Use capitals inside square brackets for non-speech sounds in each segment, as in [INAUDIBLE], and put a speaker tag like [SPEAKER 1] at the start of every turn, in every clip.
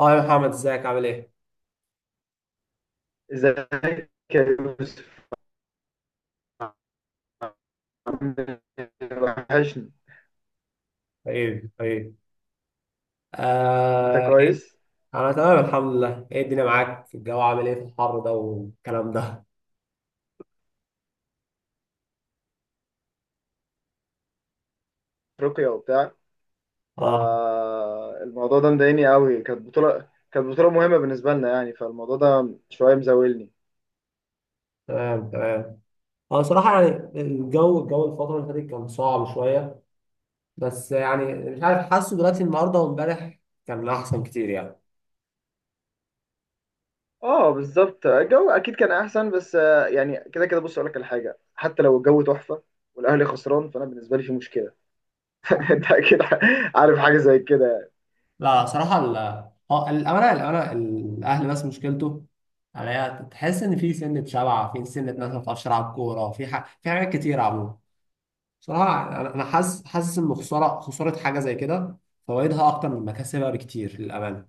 [SPEAKER 1] اه يا محمد ازيك عامل ايه؟
[SPEAKER 2] ازيك يا يوسف عامل إيه؟ وحشني.
[SPEAKER 1] طيب طيب.
[SPEAKER 2] انت
[SPEAKER 1] آه إيه؟
[SPEAKER 2] كويس؟
[SPEAKER 1] انا تمام الحمد لله. ايه الدنيا معاك؟ الجو عامل ايه في الحر ده والكلام ده؟
[SPEAKER 2] افريقيا وبتاع.
[SPEAKER 1] اه.
[SPEAKER 2] فالموضوع ده مضايقني قوي، كانت بطولة مهمة بالنسبة لنا يعني، فالموضوع ده شوية مزاولني.
[SPEAKER 1] تمام تمام. اه صراحة، يعني الجو، الفترة اللي فاتت كان صعب شوية. بس يعني مش عارف، حاسه دلوقتي النهاردة وامبارح كان احسن كتير يعني.
[SPEAKER 2] اه بالظبط، الجو اكيد كان احسن، بس يعني كده كده. بص اقول لك على حاجة، حتى لو الجو تحفة والاهلي خسران فانا بالنسبة لي في مشكلة. [LAUGHS] انت اكيد عارف حاجة زي كده يعني.
[SPEAKER 1] لا صراحة ال اه الأمانة، الأهل بس مشكلته عليها، تحس إن في سنة شبع، في سنة ناس ما بتعرفش تلعب كورة، في حاجات كتير عموما. صراحة أنا حاسس، حاسس إن خسارة، خسارة حاجة زي كده فوائدها أكتر من مكاسبها بكتير للأمانة.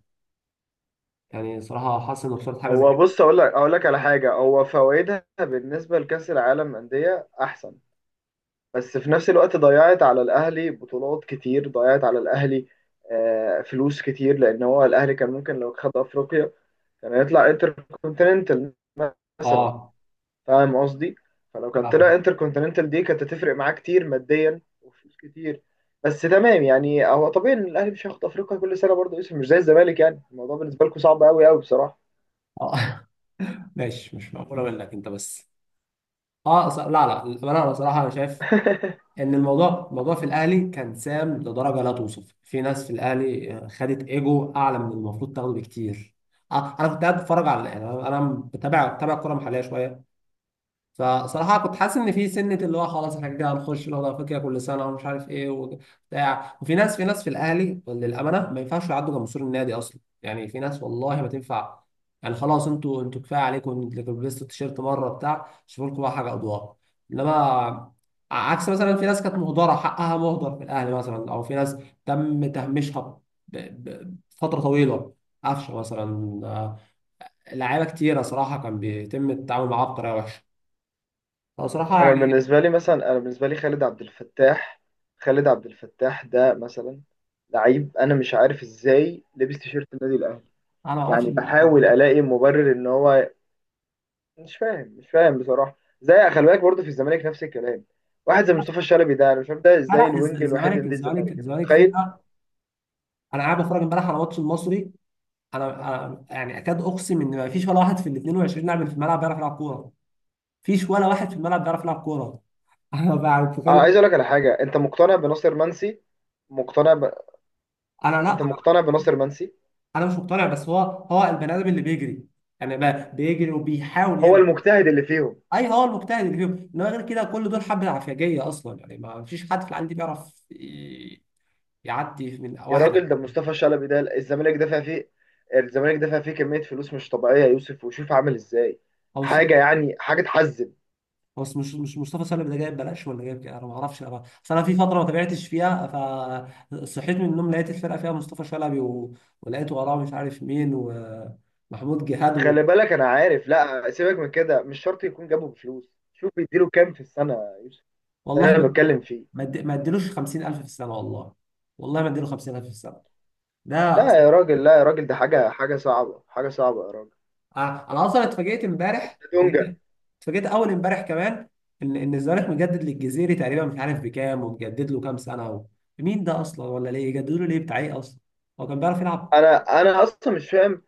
[SPEAKER 1] يعني صراحة حاسس إن خسارة حاجة زي
[SPEAKER 2] هو
[SPEAKER 1] كده.
[SPEAKER 2] بص، اقول لك على حاجة، هو فوائدها بالنسبة لكأس العالم أندية احسن. بس في نفس الوقت ضيعت على الاهلي بطولات كتير، ضيعت على الاهلي فلوس كتير، لان هو الاهلي كان ممكن لو خد افريقيا كان يطلع انتر كونتيننتال مثلا.
[SPEAKER 1] آه.
[SPEAKER 2] فاهم قصدي؟ فلو كان طلع
[SPEAKER 1] آه.
[SPEAKER 2] انتر كونتيننتال دي كانت هتفرق معاه كتير ماديا وفلوس كتير. بس تمام، يعني هو طبيعي ان الاهلي مش هياخد افريقيا كل سنه، برضه يوسف مش زي الزمالك، يعني الموضوع بالنسبه لكم صعب قوي قوي بصراحه.
[SPEAKER 1] آه. [LAUGHS] ماشي، مش مقبولة منك أنت بس. لا لا، للأمانة أنا صراحة أنا شايف
[SPEAKER 2] [LAUGHS]
[SPEAKER 1] إن الموضوع في الأهلي كان سام لدرجة لا توصف. في ناس في الأهلي آه، خدت إيجو أعلى من المفروض تاخده بكتير. آه أنا كنت قاعد بتفرج على، يعني أنا بتابع الكورة المحلية شوية. فصراحة كنت حاسس إن في سنة اللي هو خلاص إحنا كده هنخش الأوضة، أفريقيا كل سنة ومش عارف إيه وبتاع. وفي ناس، في الأهلي للأمانة ما ينفعش يعدوا جمهور النادي أصلا، يعني في ناس والله ما تنفع. يعني خلاص أنتوا كفاية عليكم، أنتوا لبستوا التيشيرت مرة بتاع، شوفوا لكم بقى حاجة أضواء. إنما عكس مثلا في ناس كانت مهدرة، حقها مهدر في الأهلي، مثلا. أو في ناس تم تهميشها ب- بفترة طويلة، قفشة مثلا آه، لعيبة كتيرة صراحة كان بيتم التعامل معاها بطريقة وحشة. لا صراحة
[SPEAKER 2] انا
[SPEAKER 1] يعني.
[SPEAKER 2] بالنسبه لي مثلا انا بالنسبه لي خالد عبد الفتاح ده مثلا، لعيب انا مش عارف ازاي لبس تيشيرت النادي الاهلي.
[SPEAKER 1] أنا ما أعرفش،
[SPEAKER 2] يعني بحاول
[SPEAKER 1] لا.
[SPEAKER 2] الاقي مبرر ان هو مش فاهم. مش فاهم بصراحه. زي خلي بالك، برضه في الزمالك نفس الكلام. واحد زي مصطفى الشلبي ده، انا مش فاهم ده ازاي الوينج الوحيد لنادي الزمالك؟ انت
[SPEAKER 1] الزمالك
[SPEAKER 2] متخيل؟
[SPEAKER 1] فرقة. أنا قاعد بتفرج امبارح على ماتش المصري. أنا أنا يعني أكاد أقسم إن ما فيش ولا واحد في ال 22 لاعب اللي في الملعب بيعرف يلعب كورة. مفيش ولا واحد في الملعب بيعرف يلعب كورة. [LAUGHS] أنا بقى
[SPEAKER 2] انا
[SPEAKER 1] بتكلم.
[SPEAKER 2] عايز اقول لك على حاجه، انت مقتنع بناصر منسي؟ مقتنع ب... انت
[SPEAKER 1] أنا،
[SPEAKER 2] مقتنع بناصر منسي؟
[SPEAKER 1] أنا مش مقتنع، بس هو، البني آدم اللي بيجري، يعني بقى بيجري وبيحاول
[SPEAKER 2] هو
[SPEAKER 1] يعمل.
[SPEAKER 2] المجتهد اللي فيهم.
[SPEAKER 1] أي، هو المجتهد اللي فيهم. إنما غير كده كل دول حبة عفياجية أصلا. يعني ما فيش حد في العالم دي بيعرف يعدي من
[SPEAKER 2] يا
[SPEAKER 1] واحد.
[SPEAKER 2] راجل ده مصطفى شلبي، ده الزمالك دافع فيه كمية فلوس مش طبيعية يا يوسف، وشوف عامل ازاي.
[SPEAKER 1] أو،
[SPEAKER 2] حاجة، يعني حاجة تحزن.
[SPEAKER 1] بس مش مصطفى سالم ده جايب بلاش، ولا جايب كده انا ما اعرفش. اصل انا في فتره ما تابعتش فيها. فصحيت من النوم لقيت الفرقه فيها مصطفى شلبي و... ولقيت وراه مش عارف مين، ومحمود جهاد و...
[SPEAKER 2] خلي بالك انا عارف. لا سيبك من كده، مش شرط يكون جابه بفلوس. شوف بيديله كام في السنة يا يوسف. ده
[SPEAKER 1] والله
[SPEAKER 2] اللي انا
[SPEAKER 1] ما
[SPEAKER 2] بتكلم فيه.
[SPEAKER 1] ما اد- ما اديلوش 50,000 في السنه والله. والله ما اديله 50,000 في السنه. ده أص-
[SPEAKER 2] لا يا راجل، لا يا راجل، ده حاجة صعبة حاجة صعبة يا راجل.
[SPEAKER 1] أنا اصلا اتفاجئت امبارح،
[SPEAKER 2] ده دونجا.
[SPEAKER 1] اتفاجئت. اتفاجئت اول امبارح كمان ان الزمالك مجدد للجزيري تقريبا، مش عارف بكام، ومجدد له كام سنه و... مين ده اصلا؟ ولا ليه يجددوا له؟ ليه بتاع ايه اصلا؟ هو كان بيعرف يلعب؟
[SPEAKER 2] انا اصلا مش فاهم.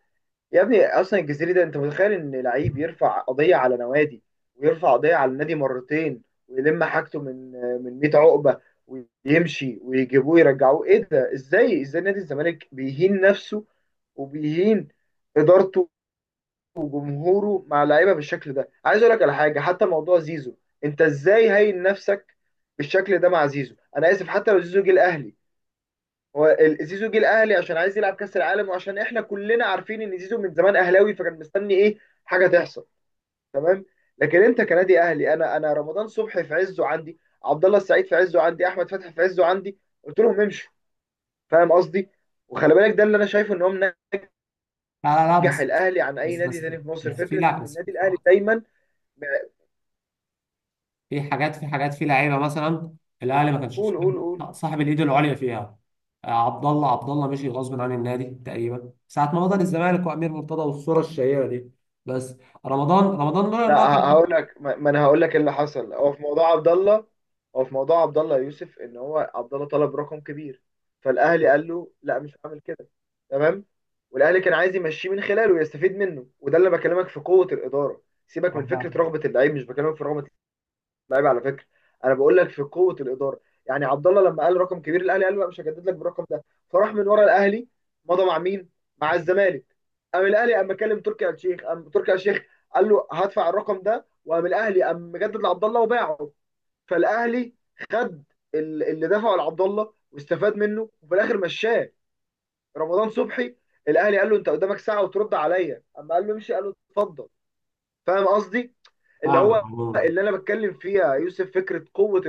[SPEAKER 2] يا ابني، اصلا الجزيري ده، انت متخيل ان لعيب يرفع قضيه على نوادي، ويرفع قضيه على النادي مرتين، ويلم حاجته من 100 عقبه، ويمشي ويجيبوه يرجعوه؟ ايه ده؟ ازاي ازاي نادي الزمالك بيهين نفسه وبيهين ادارته وجمهوره مع اللعيبه بالشكل ده؟ عايز اقول لك على حاجه، حتى موضوع زيزو. انت ازاي هين نفسك بالشكل ده مع زيزو؟ انا اسف حتى لو زيزو جه الاهلي. هو زيزو جه الاهلي عشان عايز يلعب كاس العالم، وعشان احنا كلنا عارفين ان زيزو من زمان اهلاوي، فكان مستني ايه؟ حاجه تحصل. تمام. لكن انت كنادي اهلي، انا رمضان صبحي في عزه عندي. عبد الله السعيد في عزه عندي، احمد فتحي في عزه عندي، قلت لهم امشوا. فاهم قصدي؟ وخلي بالك ده اللي انا شايفه، ان هو
[SPEAKER 1] لا لا لا
[SPEAKER 2] منجح
[SPEAKER 1] بس
[SPEAKER 2] الاهلي عن اي
[SPEAKER 1] بس
[SPEAKER 2] نادي
[SPEAKER 1] بس
[SPEAKER 2] تاني في مصر
[SPEAKER 1] بس في
[SPEAKER 2] فكره ان
[SPEAKER 1] لا بس
[SPEAKER 2] النادي الاهلي دايما.
[SPEAKER 1] في حاجات، في لعيبه مثلا الاهلي ما كانش
[SPEAKER 2] قول، قول، قول.
[SPEAKER 1] صاحب الايد العليا فيها. آه، عبد الله مشي غصب عن النادي، تقريبا ساعه ما بطل الزمالك، وامير مرتضى، والصوره الشهيره دي. بس رمضان لولا ان
[SPEAKER 2] لا،
[SPEAKER 1] هو
[SPEAKER 2] ه-
[SPEAKER 1] كان.
[SPEAKER 2] هقول لك، ما انا هقول لك اللي حصل. هو في موضوع عبد الله. هو في موضوع عبد الله يوسف، ان هو عبد الله طلب رقم كبير، فالاهلي قال له لا مش هعمل كده. تمام. والاهلي كان عايز يمشيه من خلاله ويستفيد منه، وده اللي بكلمك في قوة الإدارة. سيبك من فكرة رغبة اللعيب، مش بكلمك في رغبة لعيب على فكره. انا بقول لك في قوه الاداره. يعني عبد الله لما قال رقم كبير، الاهلي قال لا مش هجدد لك بالرقم ده. فراح من ورا الاهلي، مضى مع مين؟ مع الزمالك. قام الاهلي قام كلم تركي آل الشيخ، قام تركي آل الشيخ قال له هدفع الرقم ده، وقام الاهلي قام مجدد لعبد الله وباعه. فالاهلي خد اللي دفعه لعبد الله واستفاد منه، وفي الاخر مشاه. رمضان صبحي، الاهلي قال له انت قدامك ساعه وترد عليا، اما قال له امشي قال له اتفضل. فاهم قصدي؟ اللي
[SPEAKER 1] فاهمك
[SPEAKER 2] هو،
[SPEAKER 1] عموما.
[SPEAKER 2] اللي انا بتكلم فيها يوسف، فكره قوه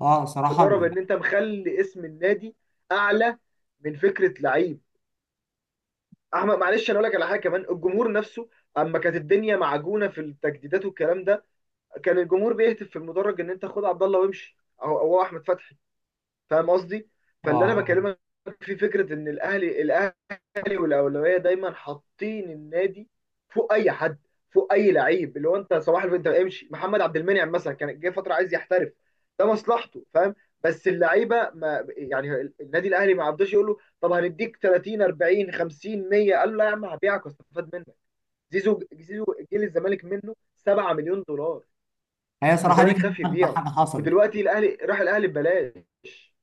[SPEAKER 1] اه صراحه.
[SPEAKER 2] اداره، بان انت مخلي اسم النادي اعلى من فكره لعيب. احمد معلش، انا اقول لك على حاجه كمان، الجمهور نفسه. اما كانت الدنيا معجونه في التجديدات والكلام ده، كان الجمهور بيهتف في المدرج ان انت خد عبد الله وامشي، او هو احمد فتحي. فاهم قصدي؟ فاللي انا
[SPEAKER 1] اه.
[SPEAKER 2] بكلمك في، فكره ان الاهلي لي والاولويه دايما حاطين النادي فوق اي حد، فوق اي لعيب. اللي هو، انت صباح الفل انت امشي. محمد عبد المنعم مثلا كان جه فتره عايز يحترف، ده مصلحته. فاهم؟ بس اللعيبه، ما يعني النادي الاهلي ما عبدوش، يقول له طب هنديك 30، 40، 50، 100؟ قال له لا يا عم هبيعك، واستفاد منك. زيزو جه للزمالك منه 7 مليون دولار.
[SPEAKER 1] هي صراحه دي
[SPEAKER 2] والزمالك
[SPEAKER 1] كانت
[SPEAKER 2] خاف
[SPEAKER 1] اغبى
[SPEAKER 2] يبيعه،
[SPEAKER 1] حاجه حصلت.
[SPEAKER 2] ودلوقتي الاهلي راح الاهلي ببلاش.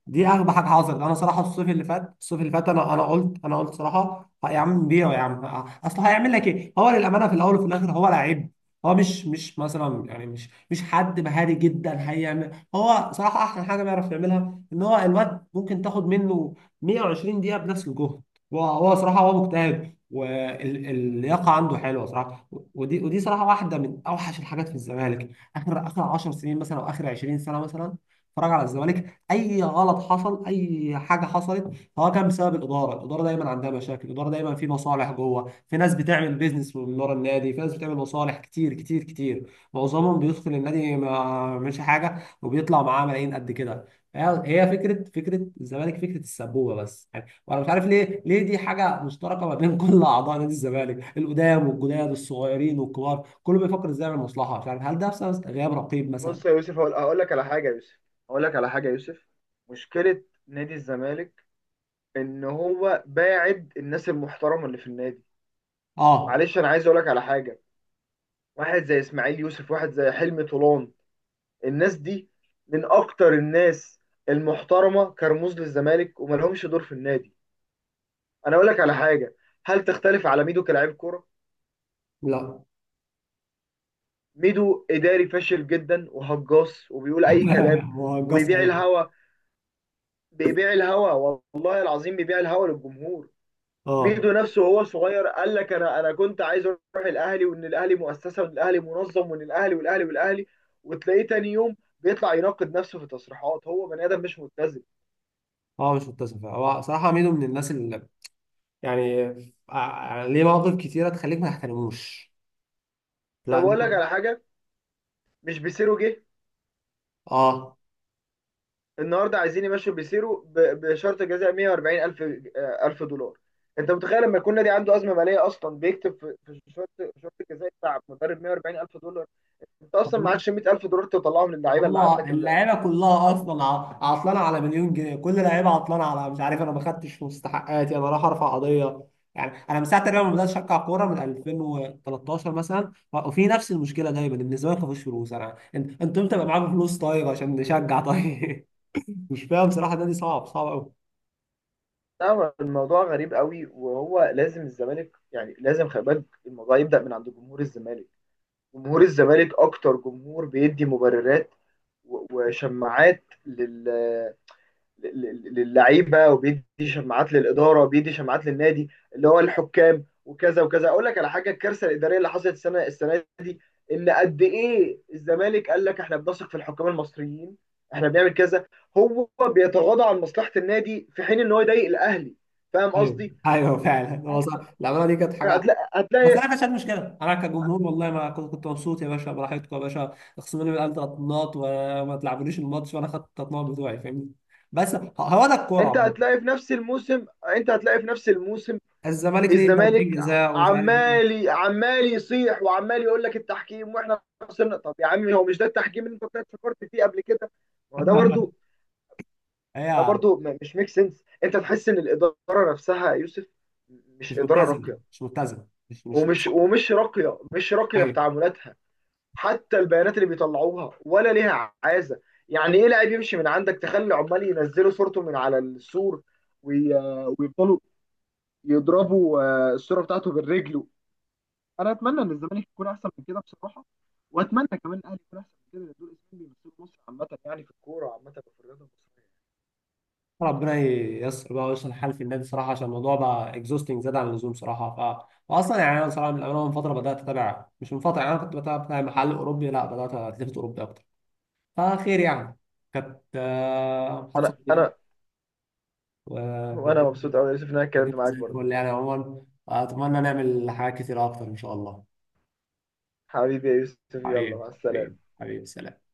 [SPEAKER 1] دي اغبى حاجه حصلت. انا صراحه الصيف اللي فات، انا قلت صراحه: "ها يا عم بيعه يا عم، اصل هيعمل لك ايه؟ هو للامانه في الاول وفي الاخر هو لعيب، هو مش مش مثلا يعني مش مش حد مهاري جدا هيعمل. هو صراحه احسن حاجه بيعرف يعملها ان هو الواد ممكن تاخد منه 120 دقيقه بنفس الجهد. هو مجتهد، واللياقه عنده حلوه صراحه. ودي صراحه واحده من اوحش الحاجات في الزمالك. اخر 10 سنين مثلا، او اخر 20 سنه مثلا، اتفرج على الزمالك. اي غلط حصل، اي حاجه حصلت، فهو كان بسبب الاداره. الاداره دايما عندها مشاكل، الاداره دايما في مصالح جوه، في ناس بتعمل بيزنس من ورا النادي، في ناس بتعمل مصالح كتير كتير كتير، معظمهم بيدخل النادي ما مش حاجه وبيطلع معاه ملايين قد كده. هي هي فكره فكره الزمالك فكره السبوبه بس يعني. وانا مش عارف ليه، دي حاجه مشتركه ما بين [LAUGHS] كل اعضاء نادي الزمالك، القدام والجداد، الصغيرين والكبار، كله بيفكر ازاي يعمل مصلحه. مش عارف، هل ده بسبب غياب رقيب مثلا؟
[SPEAKER 2] بص يا يوسف، هقول لك على حاجه يا يوسف، هقول لك على حاجه يا يوسف. مشكله نادي الزمالك، ان هو باعد الناس المحترمه اللي في النادي.
[SPEAKER 1] اه.
[SPEAKER 2] معلش انا عايز اقول لك على حاجه، واحد زي اسماعيل يوسف، واحد زي حلمي طولان، الناس دي من اكتر الناس المحترمه كرموز للزمالك، وما لهمش دور في النادي. انا اقول لك على حاجه، هل تختلف على ميدو كلاعب كوره؟
[SPEAKER 1] لا.
[SPEAKER 2] ميدو اداري فاشل جدا وهجاص وبيقول اي كلام.
[SPEAKER 1] [LAUGHS] هو هجاص
[SPEAKER 2] وبيبيع
[SPEAKER 1] قوي.
[SPEAKER 2] الهوا، بيبيع الهوا، والله العظيم بيبيع الهوا للجمهور.
[SPEAKER 1] اه.
[SPEAKER 2] ميدو نفسه وهو صغير قال لك انا كنت عايز اروح الاهلي، وان الاهلي مؤسسه، وان الاهلي منظم، وان الاهلي والاهلي والاهلي. وتلاقيه تاني يوم بيطلع يناقض نفسه في تصريحات، هو بني ادم مش متزن.
[SPEAKER 1] اه مش متسف. هو صراحه ميدو من الناس اللي يعني ليه مواقف كتيره تخليك ما تحترموش.
[SPEAKER 2] طب
[SPEAKER 1] لا
[SPEAKER 2] اقول
[SPEAKER 1] ميدو.
[SPEAKER 2] لك على حاجه، مش بيسيرو جه؟
[SPEAKER 1] اه
[SPEAKER 2] النهارده عايزين يمشوا بيسيرو بشرط جزاء 140 الف الف دولار. انت متخيل لما يكون نادي عنده ازمه ماليه اصلا بيكتب في شرط الجزاء بتاع مدرب 140 الف دولار؟ انت اصلا
[SPEAKER 1] طب.
[SPEAKER 2] معكش 100 الف دولار تطلعهم للعيبه اللي
[SPEAKER 1] هو
[SPEAKER 2] عندك، اللي
[SPEAKER 1] اللعيبه كلها
[SPEAKER 2] مستحقات.
[SPEAKER 1] اصلا عطلانه على مليون جنيه، كل لعيبه عطلانه على، مش عارف، انا ما خدتش مستحقاتي، انا رايح ارفع قضيه. يعني انا من ساعه تقريبا ما بدات اشجع كوره من 2013 مثلا، وفي نفس المشكله دايما، ان الزمالك ما فيهوش فلوس. انا انت، انت امتى بقى معاكم فلوس طيب عشان نشجع طيب؟ [LAUGHS] مش فاهم صراحه. النادي صعب، صعب.
[SPEAKER 2] لا هو الموضوع غريب قوي، وهو لازم الزمالك يعني لازم، خلي بالك الموضوع يبدأ من عند جمهور الزمالك. جمهور الزمالك اكتر جمهور بيدي مبررات وشماعات للعيبه، وبيدي شماعات للاداره، وبيدي شماعات للنادي. اللي هو الحكام وكذا وكذا. اقول لك على حاجه، الكارثه الاداريه اللي حصلت السنه دي. ان قد ايه الزمالك قال لك احنا بنثق في الحكام المصريين، احنا بنعمل كذا، هو بيتغاضى عن مصلحه النادي في حين ان هو يضايق الاهلي. فاهم
[SPEAKER 1] ايوه
[SPEAKER 2] قصدي؟
[SPEAKER 1] ايوه، فعلا هو صح، العماله دي كانت حاجه.
[SPEAKER 2] هتلاقي
[SPEAKER 1] بس انا
[SPEAKER 2] هتلاقي
[SPEAKER 1] ما كانتش عندي مشكله انا كجمهور، والله ما كنت، كنت مبسوط يا باشا، براحتكم يا باشا، اخصموا لي من القلب ثلاث نقط وما تلعبونيش الماتش، وانا خدت الثلاث نقط بتوعي فاهمني. بس هو ده الكوره
[SPEAKER 2] انت
[SPEAKER 1] عموما.
[SPEAKER 2] هتلاقي في نفس الموسم، انت هتلاقي في نفس الموسم.
[SPEAKER 1] الزمالك ليه ضربتين
[SPEAKER 2] الزمالك
[SPEAKER 1] جزاء ومش عارف ايه.
[SPEAKER 2] عمال يصيح وعمال يقول لك التحكيم واحنا خسرنا. طب يا عمي، هو مش ده التحكيم اللي انت طلعت فكرت فيه قبل كده؟ ما هو ده برضه.
[SPEAKER 1] [LAUGHS] هي
[SPEAKER 2] مش ميك سنس. انت تحس ان الاداره نفسها يا يوسف مش
[SPEAKER 1] مش
[SPEAKER 2] اداره
[SPEAKER 1] متزنه،
[SPEAKER 2] راقيه،
[SPEAKER 1] مش متزنه مش مش نفس-
[SPEAKER 2] ومش راقيه، مش راقيه في
[SPEAKER 1] ايوه.
[SPEAKER 2] تعاملاتها. حتى البيانات اللي بيطلعوها ولا ليها عازه. يعني ايه لاعب يمشي من عندك تخلي عمال ينزلوا صورته من على السور، وي- ويفضلوا يضربوا الصوره بتاعته بالرجل. انا اتمنى ان الزمالك يكون احسن من كده بصراحه، واتمنى كمان الاهلي يكون احسن من كده، لان دول اسمين بيمثلوا مصر عامه يعني في الكوره عامه وفي الرياضه المصريه.
[SPEAKER 1] ربنا ييسر بقى ويصلح الحال في النادي صراحه، عشان الموضوع بقى اكزوستنج، زاد عن اللزوم صراحه. ف واصلا يعني انا صراحه من الأول، من فتره بدات اتابع، مش من فتره يعني انا كنت بتابع بتاع محل اوروبي، لا بدات اتلفت اوروبي اكتر. فخير يعني. كانت آه، محادثه
[SPEAKER 2] انا
[SPEAKER 1] لطيفه،
[SPEAKER 2] انا
[SPEAKER 1] وكانت
[SPEAKER 2] وانا مبسوط
[SPEAKER 1] الدنيا
[SPEAKER 2] قوي يا يوسف ان انا اتكلمت معاك
[SPEAKER 1] زي
[SPEAKER 2] برضه.
[SPEAKER 1] الفل يعني عموما. اتمنى نعمل حاجات كتير اكتر ان شاء الله.
[SPEAKER 2] حبيبي يا يوسف، يلا
[SPEAKER 1] حبيبي.
[SPEAKER 2] مع السلامة.
[SPEAKER 1] حبيبي سلام.